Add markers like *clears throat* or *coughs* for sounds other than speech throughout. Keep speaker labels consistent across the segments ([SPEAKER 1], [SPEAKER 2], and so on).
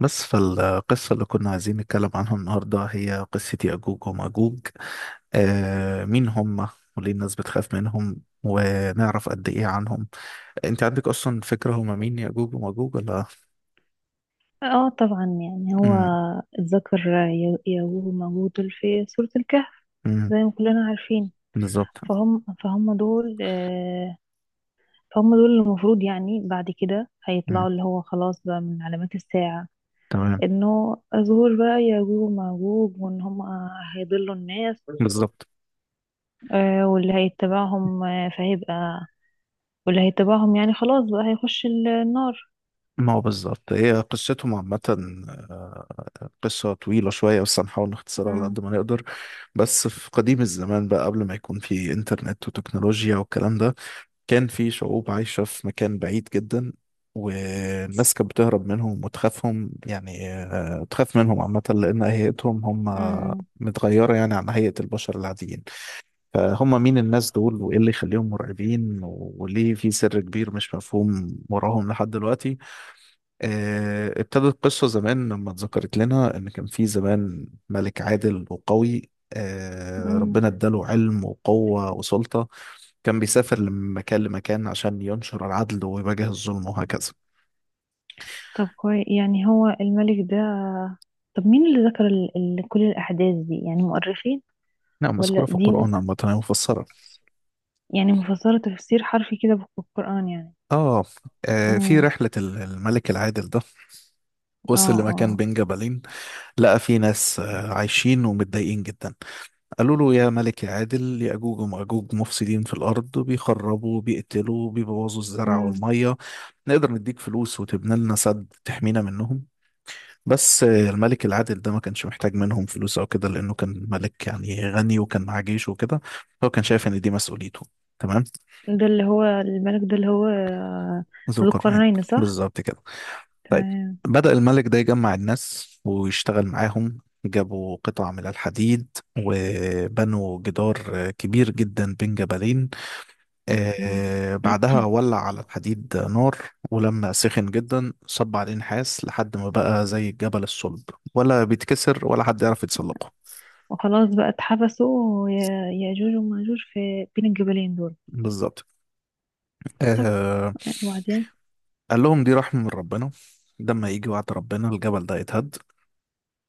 [SPEAKER 1] بس فالقصة اللي كنا عايزين نتكلم عنها النهاردة هي قصة يأجوج ومأجوج. مين هم وليه الناس بتخاف منهم ونعرف قد إيه عنهم. أنت عندك أصلا فكرة هم مين يأجوج ومأجوج ولا؟
[SPEAKER 2] اه طبعا يعني هو
[SPEAKER 1] مم،
[SPEAKER 2] الذكر يجوز موجود في سورة الكهف
[SPEAKER 1] مم،
[SPEAKER 2] زي ما كلنا عارفين.
[SPEAKER 1] بالظبط.
[SPEAKER 2] فهم دول فهم دول اللي المفروض يعني بعد كده هيطلعوا
[SPEAKER 1] مم،
[SPEAKER 2] اللي هو خلاص بقى من علامات الساعة،
[SPEAKER 1] تمام.
[SPEAKER 2] انه ظهور بقى يجوج وماجوج وان هم هيضلوا الناس.
[SPEAKER 1] بالظبط.
[SPEAKER 2] واللي هيتبعهم، فهيبقى واللي هيتبعهم يعني خلاص بقى هيخش النار.
[SPEAKER 1] ما هو بالظبط هي قصتهم عامة. آه، قصة طويلة شوية بس هنحاول نختصرها على
[SPEAKER 2] مم.
[SPEAKER 1] قد ما نقدر. بس في قديم الزمان بقى قبل ما يكون في إنترنت وتكنولوجيا والكلام ده، كان في شعوب عايشة في مكان بعيد جدا، والناس كانت بتهرب منهم وتخافهم، يعني تخاف منهم عامة لأن هيئتهم هم
[SPEAKER 2] امم
[SPEAKER 1] متغيرة يعني عن هيئة البشر العاديين. فهم مين الناس دول وإيه اللي يخليهم مرعبين وليه في سر كبير مش مفهوم وراهم لحد دلوقتي؟ ابتدت القصة زمان لما اتذكرت لنا إن كان في زمان ملك عادل وقوي،
[SPEAKER 2] امم.
[SPEAKER 1] ربنا اداله علم وقوة وسلطة. كان بيسافر من مكان لمكان عشان ينشر العدل ويواجه الظلم وهكذا.
[SPEAKER 2] طب كويس، يعني هو الملك ده، طب مين اللي ذكر ال كل الأحداث دي؟ يعني مؤرخين
[SPEAKER 1] نعم، مذكورة
[SPEAKER 2] ولا
[SPEAKER 1] في
[SPEAKER 2] دي ناس؟
[SPEAKER 1] القرآن عامة، هي مفسرة.
[SPEAKER 2] يعني مفسرة تفسير حرفي كده بالقرآن يعني.
[SPEAKER 1] آه. في
[SPEAKER 2] امم.
[SPEAKER 1] رحلة الملك العادل ده وصل
[SPEAKER 2] اه
[SPEAKER 1] لمكان
[SPEAKER 2] اه.
[SPEAKER 1] بين جبلين، لقى فيه ناس عايشين ومتضايقين جدا. قالوا له يا ملك يا عادل، يأجوج ومأجوج مفسدين في الأرض، بيخربوا بيقتلوا بيبوظوا الزرع
[SPEAKER 2] امم.
[SPEAKER 1] والمية. نقدر نديك فلوس وتبني لنا سد تحمينا منهم. بس الملك العادل ده ما كانش محتاج منهم فلوس او كده، لانه كان ملك يعني غني وكان معاه جيش وكده. هو كان شايف ان دي مسؤوليته. تمام.
[SPEAKER 2] ده اللي هو الملك ده اللي هو
[SPEAKER 1] ذو
[SPEAKER 2] ذو
[SPEAKER 1] القرنين.
[SPEAKER 2] القرنين، صح؟
[SPEAKER 1] بالظبط كده. طيب.
[SPEAKER 2] تمام.
[SPEAKER 1] بدأ الملك ده يجمع الناس ويشتغل معاهم، جابوا قطع من الحديد وبنوا جدار كبير جدا بين جبلين.
[SPEAKER 2] مم، مم.
[SPEAKER 1] آه، بعدها
[SPEAKER 2] *coughs*
[SPEAKER 1] ولع على الحديد نار، ولما سخن جدا صب عليه نحاس لحد ما بقى زي الجبل الصلب، ولا بيتكسر ولا حد يعرف يتسلقه.
[SPEAKER 2] *clears throat* وخلاص بقى اتحبسوا يأجوج ومأجوج في بين الجبلين دول.
[SPEAKER 1] بالظبط.
[SPEAKER 2] طب
[SPEAKER 1] آه،
[SPEAKER 2] وبعدين؟
[SPEAKER 1] قال لهم دي رحمة من ربنا، ده لما يجي وعد ربنا الجبل ده يتهد،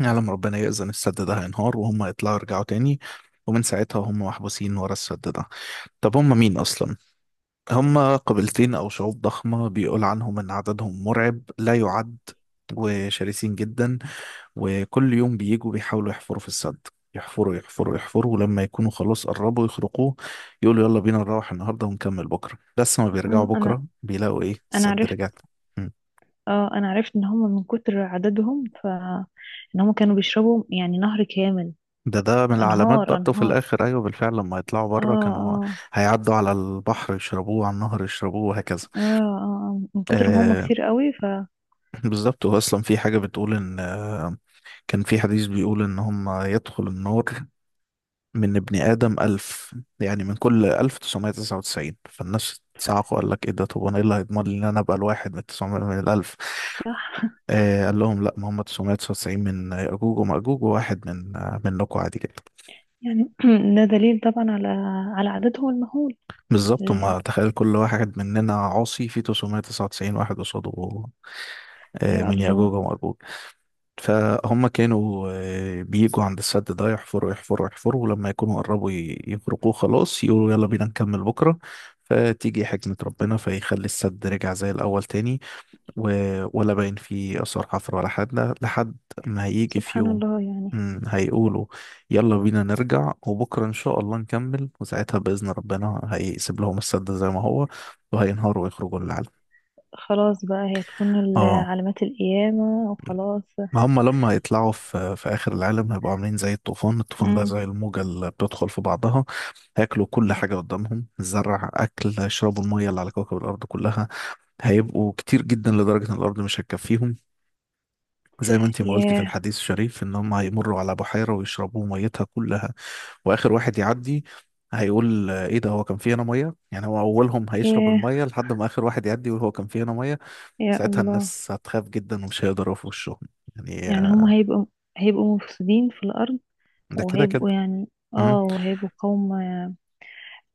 [SPEAKER 1] يعلم ربنا يأذن، السد ده هينهار وهم يطلعوا يرجعوا تاني. ومن ساعتها هم محبوسين ورا السد ده. طب هم مين أصلا؟ هم قبيلتين أو شعوب ضخمة بيقول عنهم إن عددهم مرعب لا يعد، وشرسين جدا. وكل يوم بيجوا بيحاولوا يحفروا في السد، يحفروا يحفروا يحفروا، ولما يكونوا خلاص قربوا يخرقوه، يقولوا يلا بينا نروح النهارده ونكمل بكره، بس ما بيرجعوا
[SPEAKER 2] مم. انا
[SPEAKER 1] بكره بيلاقوا ايه،
[SPEAKER 2] انا
[SPEAKER 1] السد
[SPEAKER 2] عرفت،
[SPEAKER 1] رجع تاني. مم.
[SPEAKER 2] اه، انا عرفت ان هم من كتر عددهم ف ان هم كانوا بيشربوا يعني نهر كامل.
[SPEAKER 1] ده من العلامات
[SPEAKER 2] انهار،
[SPEAKER 1] برضه في
[SPEAKER 2] انهار.
[SPEAKER 1] الاخر، ايوه بالفعل. لما يطلعوا
[SPEAKER 2] اه
[SPEAKER 1] بره كانوا
[SPEAKER 2] اه.
[SPEAKER 1] هيعدوا على البحر يشربوه، على النهر يشربوه، وهكذا.
[SPEAKER 2] اه اه. آه. من كتر ما هم
[SPEAKER 1] آه،
[SPEAKER 2] كتير قوي ف
[SPEAKER 1] بالظبط. هو اصلا في حاجه بتقول ان كان في حديث بيقول ان هم يدخل النار من ابن آدم ألف، يعني من كل ألف تسعمائة تسعة وتسعين. فالناس صعقوا، قال لك إيه ده، طب أنا إيه اللي هيضمن لي إن أنا أبقى الواحد من التسعمائة من الألف؟
[SPEAKER 2] صح.
[SPEAKER 1] آه، قال لهم لا، ما هم 999 من يأجوج ومأجوج وواحد من منكم عادي جدا.
[SPEAKER 2] يعني *clears throat* ده دليل طبعا على على عددهم المهول.
[SPEAKER 1] بالظبط.
[SPEAKER 2] ال-
[SPEAKER 1] هم تخيل كل واحد مننا عاصي في 999 واحد قصاده
[SPEAKER 2] يا
[SPEAKER 1] من يأجوج
[SPEAKER 2] الله.
[SPEAKER 1] ومأجوج. فهم كانوا بيجوا عند السد ده يحفروا يحفروا يحفروا، ولما يكونوا قربوا يفرقوه، خلاص يقولوا يلا بينا نكمل بكرة. فتيجي حكمة ربنا فيخلي السد رجع زي الأول تاني، ولا باين فيه آثار حفر ولا حاجة، لحد ما هيجي في
[SPEAKER 2] سبحان
[SPEAKER 1] يوم.
[SPEAKER 2] الله يعني.
[SPEAKER 1] هيقولوا يلا بينا نرجع وبكرة إن شاء الله نكمل، وساعتها بإذن ربنا هيسيب لهم السد زي ما هو، وهينهاروا ويخرجوا للعالم.
[SPEAKER 2] خلاص بقى هي تكون
[SPEAKER 1] اه.
[SPEAKER 2] علامات القيامة وخلاص.
[SPEAKER 1] ما هم لما يطلعوا في آخر العالم، هيبقوا عاملين زي الطوفان ده
[SPEAKER 2] امم.
[SPEAKER 1] زي الموجة اللي بتدخل في بعضها. هياكلوا كل حاجة قدامهم، الزرع أكل، يشربوا المية اللي على كوكب الأرض كلها. هيبقوا كتير جدا لدرجة إن الأرض مش هتكفيهم. زي ما أنتي ما قلتي في
[SPEAKER 2] ياه.
[SPEAKER 1] الحديث الشريف، إن هم هيمروا على بحيرة ويشربوا ميتها كلها. وآخر واحد يعدي هيقول، إيه ده، هو كان في هنا مية؟ يعني هو أولهم هيشرب
[SPEAKER 2] ياه.
[SPEAKER 1] المية لحد ما آخر واحد يعدي يقول هو كان في هنا مية.
[SPEAKER 2] يا
[SPEAKER 1] ساعتها
[SPEAKER 2] الله.
[SPEAKER 1] الناس هتخاف جدا ومش هيقدروا في وشهم، يعني
[SPEAKER 2] يعني هم هيبقوا، هيبقوا مفسدين في الأرض،
[SPEAKER 1] ده كده كده.
[SPEAKER 2] وهيبقوا يعني،
[SPEAKER 1] مم.
[SPEAKER 2] اه، وهيبقوا قوم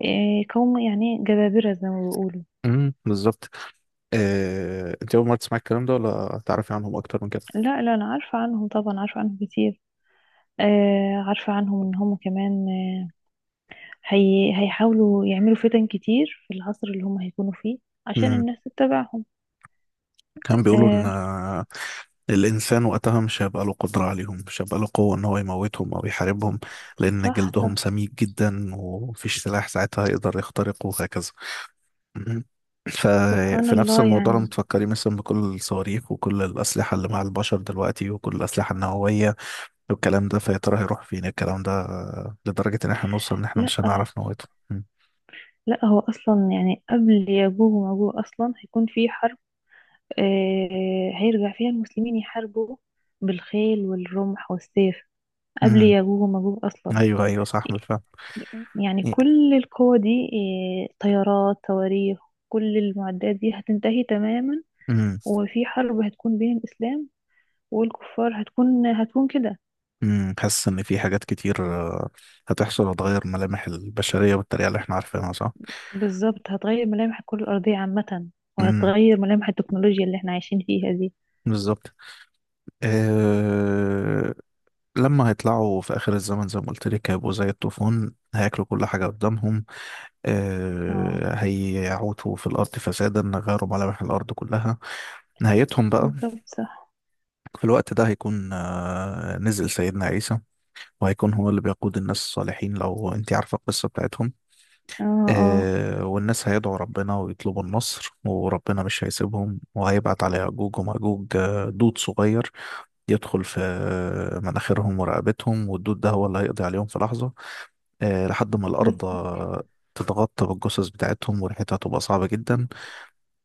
[SPEAKER 2] إيه، قوم يعني جبابرة زي ما بيقولوا.
[SPEAKER 1] مم. بالظبط. انت اول مره تسمعي الكلام ده، ولا تعرفي عنهم اكتر من كده؟
[SPEAKER 2] لا لا، أنا عارفة عنهم طبعا، عارفة عنهم كتير. آه، عارفة عنهم ان هم كمان آه، هي هيحاولوا يعملوا فتن كتير في العصر اللي هم هيكونوا فيه عشان
[SPEAKER 1] مم.
[SPEAKER 2] الناس تتبعهم.
[SPEAKER 1] كان بيقولوا ان
[SPEAKER 2] آه.
[SPEAKER 1] الانسان وقتها مش هيبقى له قدره عليهم، مش هيبقى له قوه ان هو يموتهم او يحاربهم، لان
[SPEAKER 2] صح
[SPEAKER 1] جلدهم
[SPEAKER 2] صح.
[SPEAKER 1] سميك جدا ومفيش سلاح ساعتها يقدر يخترقه، وهكذا. مم.
[SPEAKER 2] سبحان
[SPEAKER 1] ففي نفس
[SPEAKER 2] الله
[SPEAKER 1] الموضوع لما
[SPEAKER 2] يعني.
[SPEAKER 1] تفكري مثلا بكل الصواريخ وكل الأسلحة اللي مع البشر دلوقتي، وكل الأسلحة النووية والكلام ده، فيا ترى هيروح فين الكلام ده؟ لدرجة إن احنا نوصل إن احنا مش
[SPEAKER 2] لا
[SPEAKER 1] هنعرف نموته.
[SPEAKER 2] لا، هو اصلا يعني قبل ياجوج وماجوج اصلا هيكون في حرب. آه هيرجع فيها المسلمين يحاربوا بالخيل والرمح والسيف قبل
[SPEAKER 1] امم.
[SPEAKER 2] ياجوج وماجوج اصلا.
[SPEAKER 1] ايوه ايوه، صح بالفعل.
[SPEAKER 2] يعني كل القوة دي، آه طيارات، صواريخ، كل المعدات دي هتنتهي تماما.
[SPEAKER 1] امم.
[SPEAKER 2] هو في حرب هتكون بين الإسلام والكفار، هتكون كده.
[SPEAKER 1] امم. حاسس ان في حاجات كتير آه، هتحصل، هتغير ملامح البشريه بالطريقه اللي احنا عارفينها، صح.
[SPEAKER 2] بالظبط، هتغير ملامح الكرة الأرضية عامة،
[SPEAKER 1] امم.
[SPEAKER 2] وهتغير ملامح التكنولوجيا اللي احنا عايشين فيها دي.
[SPEAKER 1] بالظبط. أه... لما هيطلعوا في اخر الزمن زي ما قلت لك، هيبقوا زي الطوفان، هياكلوا كل حاجه قدامهم.
[SPEAKER 2] اه.
[SPEAKER 1] هيعوتوا في الارض فسادا، غيروا ملامح الارض كلها. نهايتهم بقى،
[SPEAKER 2] بالظبط. صح.
[SPEAKER 1] في الوقت ده هيكون نزل سيدنا عيسى، وهيكون هو اللي بيقود الناس الصالحين، لو انت عارفه القصه بتاعتهم.
[SPEAKER 2] اه. اه.
[SPEAKER 1] والناس هيدعوا ربنا ويطلبوا النصر، وربنا مش هيسيبهم، وهيبعت على يأجوج ومأجوج دود صغير يدخل في مناخيرهم ورقبتهم، والدود ده هو اللي هيقضي عليهم في لحظة. لحد ما
[SPEAKER 2] بس
[SPEAKER 1] الأرض تتغطى بالجثث بتاعتهم وريحتها تبقى صعبة جدا.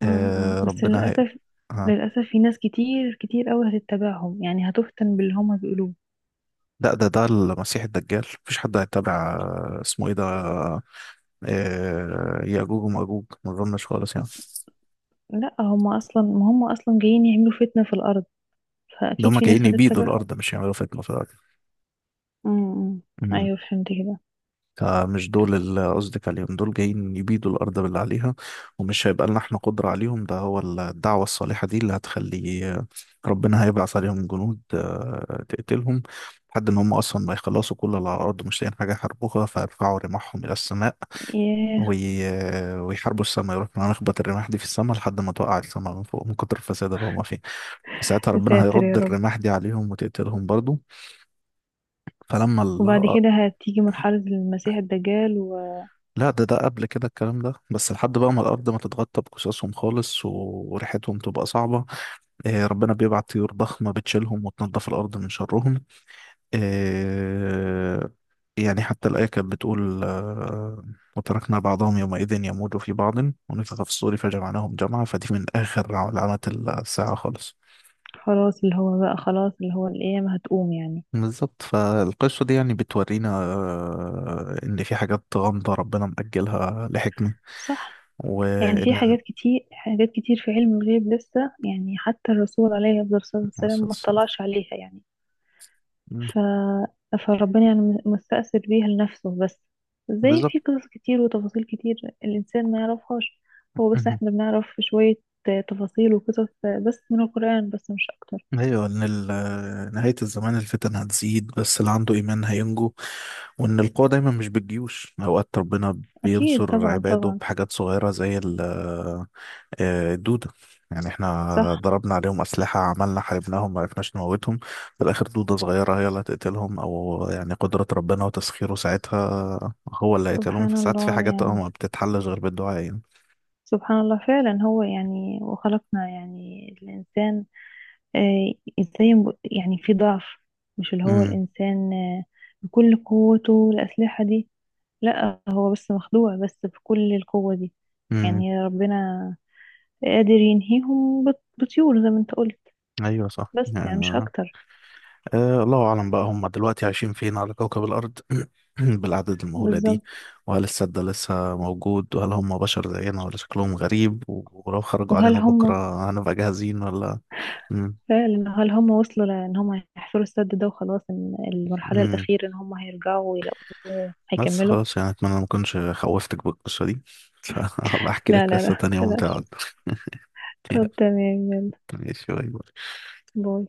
[SPEAKER 2] م- م. بس
[SPEAKER 1] ربنا هي.
[SPEAKER 2] للأسف،
[SPEAKER 1] آه.
[SPEAKER 2] للأسف في ناس كتير كتير قوي هتتبعهم، يعني هتفتن باللي هما بيقولوه.
[SPEAKER 1] لا، ده المسيح الدجال، مفيش حد هيتابع اسمه ايه ده، يأجوج ومأجوج، ما اظنش خالص يعني.
[SPEAKER 2] لا، هما أصلا ما هما أصلا جايين يعملوا فتنة في الأرض،
[SPEAKER 1] ده
[SPEAKER 2] فأكيد
[SPEAKER 1] هم
[SPEAKER 2] في
[SPEAKER 1] جايين
[SPEAKER 2] ناس
[SPEAKER 1] يبيدوا
[SPEAKER 2] هتتبعهم.
[SPEAKER 1] الأرض مش يعملوا فتنة في
[SPEAKER 2] م- م.
[SPEAKER 1] الأرض.
[SPEAKER 2] أيوه فهمت كده.
[SPEAKER 1] فمش دول اللي قصدك عليهم، دول جايين يبيدوا الأرض باللي عليها، ومش هيبقى لنا احنا قدرة عليهم. ده هو الدعوة الصالحة دي اللي هتخلي ربنا هيبعث عليهم جنود تقتلهم، لحد إن هم أصلا ما يخلصوا كل اللي على الأرض، مش لاقيين حاجة يحاربوها فيرفعوا رماحهم إلى السماء.
[SPEAKER 2] ياه.
[SPEAKER 1] وي... ويحاربوا السماء، يروحوا نخبط الرماح دي في السماء لحد ما توقع السماء من فوق من كتر الفساد اللي هم فيه. فساعتها
[SPEAKER 2] يا
[SPEAKER 1] ربنا
[SPEAKER 2] ساتر يا
[SPEAKER 1] هيرد
[SPEAKER 2] رب.
[SPEAKER 1] الرماح دي عليهم وتقتلهم برضو. فلما.
[SPEAKER 2] وبعد كده هتيجي مرحلة المسيح الدجال؟
[SPEAKER 1] لا، ده قبل كده الكلام ده، بس لحد بقى ما الأرض ما تتغطى بقصصهم خالص، وريحتهم تبقى صعبة. آه، ربنا بيبعت طيور ضخمة بتشيلهم وتنظف الأرض من شرهم. آه، يعني حتى الآية كانت بتقول، آه، وتركنا بعضهم يومئذ يموج في بعض، ونفخ في الصور فجمعناهم جمعا. فدي من آخر علامات الساعة خالص.
[SPEAKER 2] وخلاص اللي هو بقى خلاص اللي هو القيامة هتقوم يعني.
[SPEAKER 1] بالظبط. فالقصة دي يعني بتورينا إن في حاجات غامضة ربنا مأجلها لحكمة،
[SPEAKER 2] صح. يعني في
[SPEAKER 1] وإن.
[SPEAKER 2] حاجات كتير، حاجات كتير في علم الغيب لسه، يعني حتى الرسول عليه أفضل الصلاة
[SPEAKER 1] مع
[SPEAKER 2] والسلام ما
[SPEAKER 1] السلامة.
[SPEAKER 2] اطلعش عليها يعني. ف... فربنا يعني مستأثر بيها لنفسه بس، زي
[SPEAKER 1] بالظبط.
[SPEAKER 2] في قصص كتير وتفاصيل كتير الإنسان ما يعرفهاش. هو بس
[SPEAKER 1] مهم.
[SPEAKER 2] احنا بنعرف شوية تفاصيل وقصص بس من القرآن بس مش أكتر.
[SPEAKER 1] ايوه، ان نهايه الزمان الفتن هتزيد، بس اللي عنده ايمان هينجو، وان القوه دايما مش بالجيوش، اوقات ربنا
[SPEAKER 2] أكيد
[SPEAKER 1] بينصر
[SPEAKER 2] طبعا،
[SPEAKER 1] عباده
[SPEAKER 2] طبعا.
[SPEAKER 1] بحاجات صغيره زي الدوده. يعني احنا
[SPEAKER 2] صح.
[SPEAKER 1] ضربنا عليهم اسلحه، عملنا حاربناهم ما عرفناش نموتهم، في الاخر دوده صغيره هي اللي هتقتلهم. او يعني قدره ربنا وتسخيره ساعتها هو اللي هيقتلهم.
[SPEAKER 2] سبحان
[SPEAKER 1] فساعات في
[SPEAKER 2] الله
[SPEAKER 1] حاجات
[SPEAKER 2] يعني.
[SPEAKER 1] ما بتتحلش غير بالدعاء، يعني.
[SPEAKER 2] سبحان الله فعلا. هو يعني وخلقنا يعني الإنسان، آه، ازاي يعني في ضعف، مش اللي هو
[SPEAKER 1] امم.
[SPEAKER 2] الإنسان بكل قوته الأسلحة دي. لا هو بس مخدوع بس بكل القوة دي.
[SPEAKER 1] امم.
[SPEAKER 2] يعني ربنا قادر ينهيهم بطيور زي ما انت قلت.
[SPEAKER 1] ايوه صح
[SPEAKER 2] بس يعني مش
[SPEAKER 1] يعني.
[SPEAKER 2] أكتر.
[SPEAKER 1] أه، الله أعلم بقى هم دلوقتي عايشين فين على كوكب الأرض *clears throat* بالأعداد المهولة دي،
[SPEAKER 2] بالظبط.
[SPEAKER 1] وهل السد ده لسه موجود، وهل هم بشر زينا ولا شكلهم غريب، ولو خرجوا
[SPEAKER 2] وهل
[SPEAKER 1] علينا
[SPEAKER 2] هم
[SPEAKER 1] بكرة هنبقى جاهزين ولا؟ مم.
[SPEAKER 2] فعلا، هل هم وصلوا؟ لأن هم هيحفروا السد ده وخلاص، إن المرحلة
[SPEAKER 1] مم.
[SPEAKER 2] الأخيرة إن هم هيرجعوا ويلاقوه
[SPEAKER 1] بس
[SPEAKER 2] هيكملوا.
[SPEAKER 1] خلاص يعني أتمنى ما أكونش خوفتك بالقصة دي *laughs* فهبقى أحكي
[SPEAKER 2] لا
[SPEAKER 1] لك
[SPEAKER 2] لا
[SPEAKER 1] قصة
[SPEAKER 2] لا، *laughs*
[SPEAKER 1] تانية ممتعة
[SPEAKER 2] بلاش.
[SPEAKER 1] أكتر. *laughs* يلا.
[SPEAKER 2] طب تمام، يلا.
[SPEAKER 1] ماشي، باي باي.
[SPEAKER 2] باي.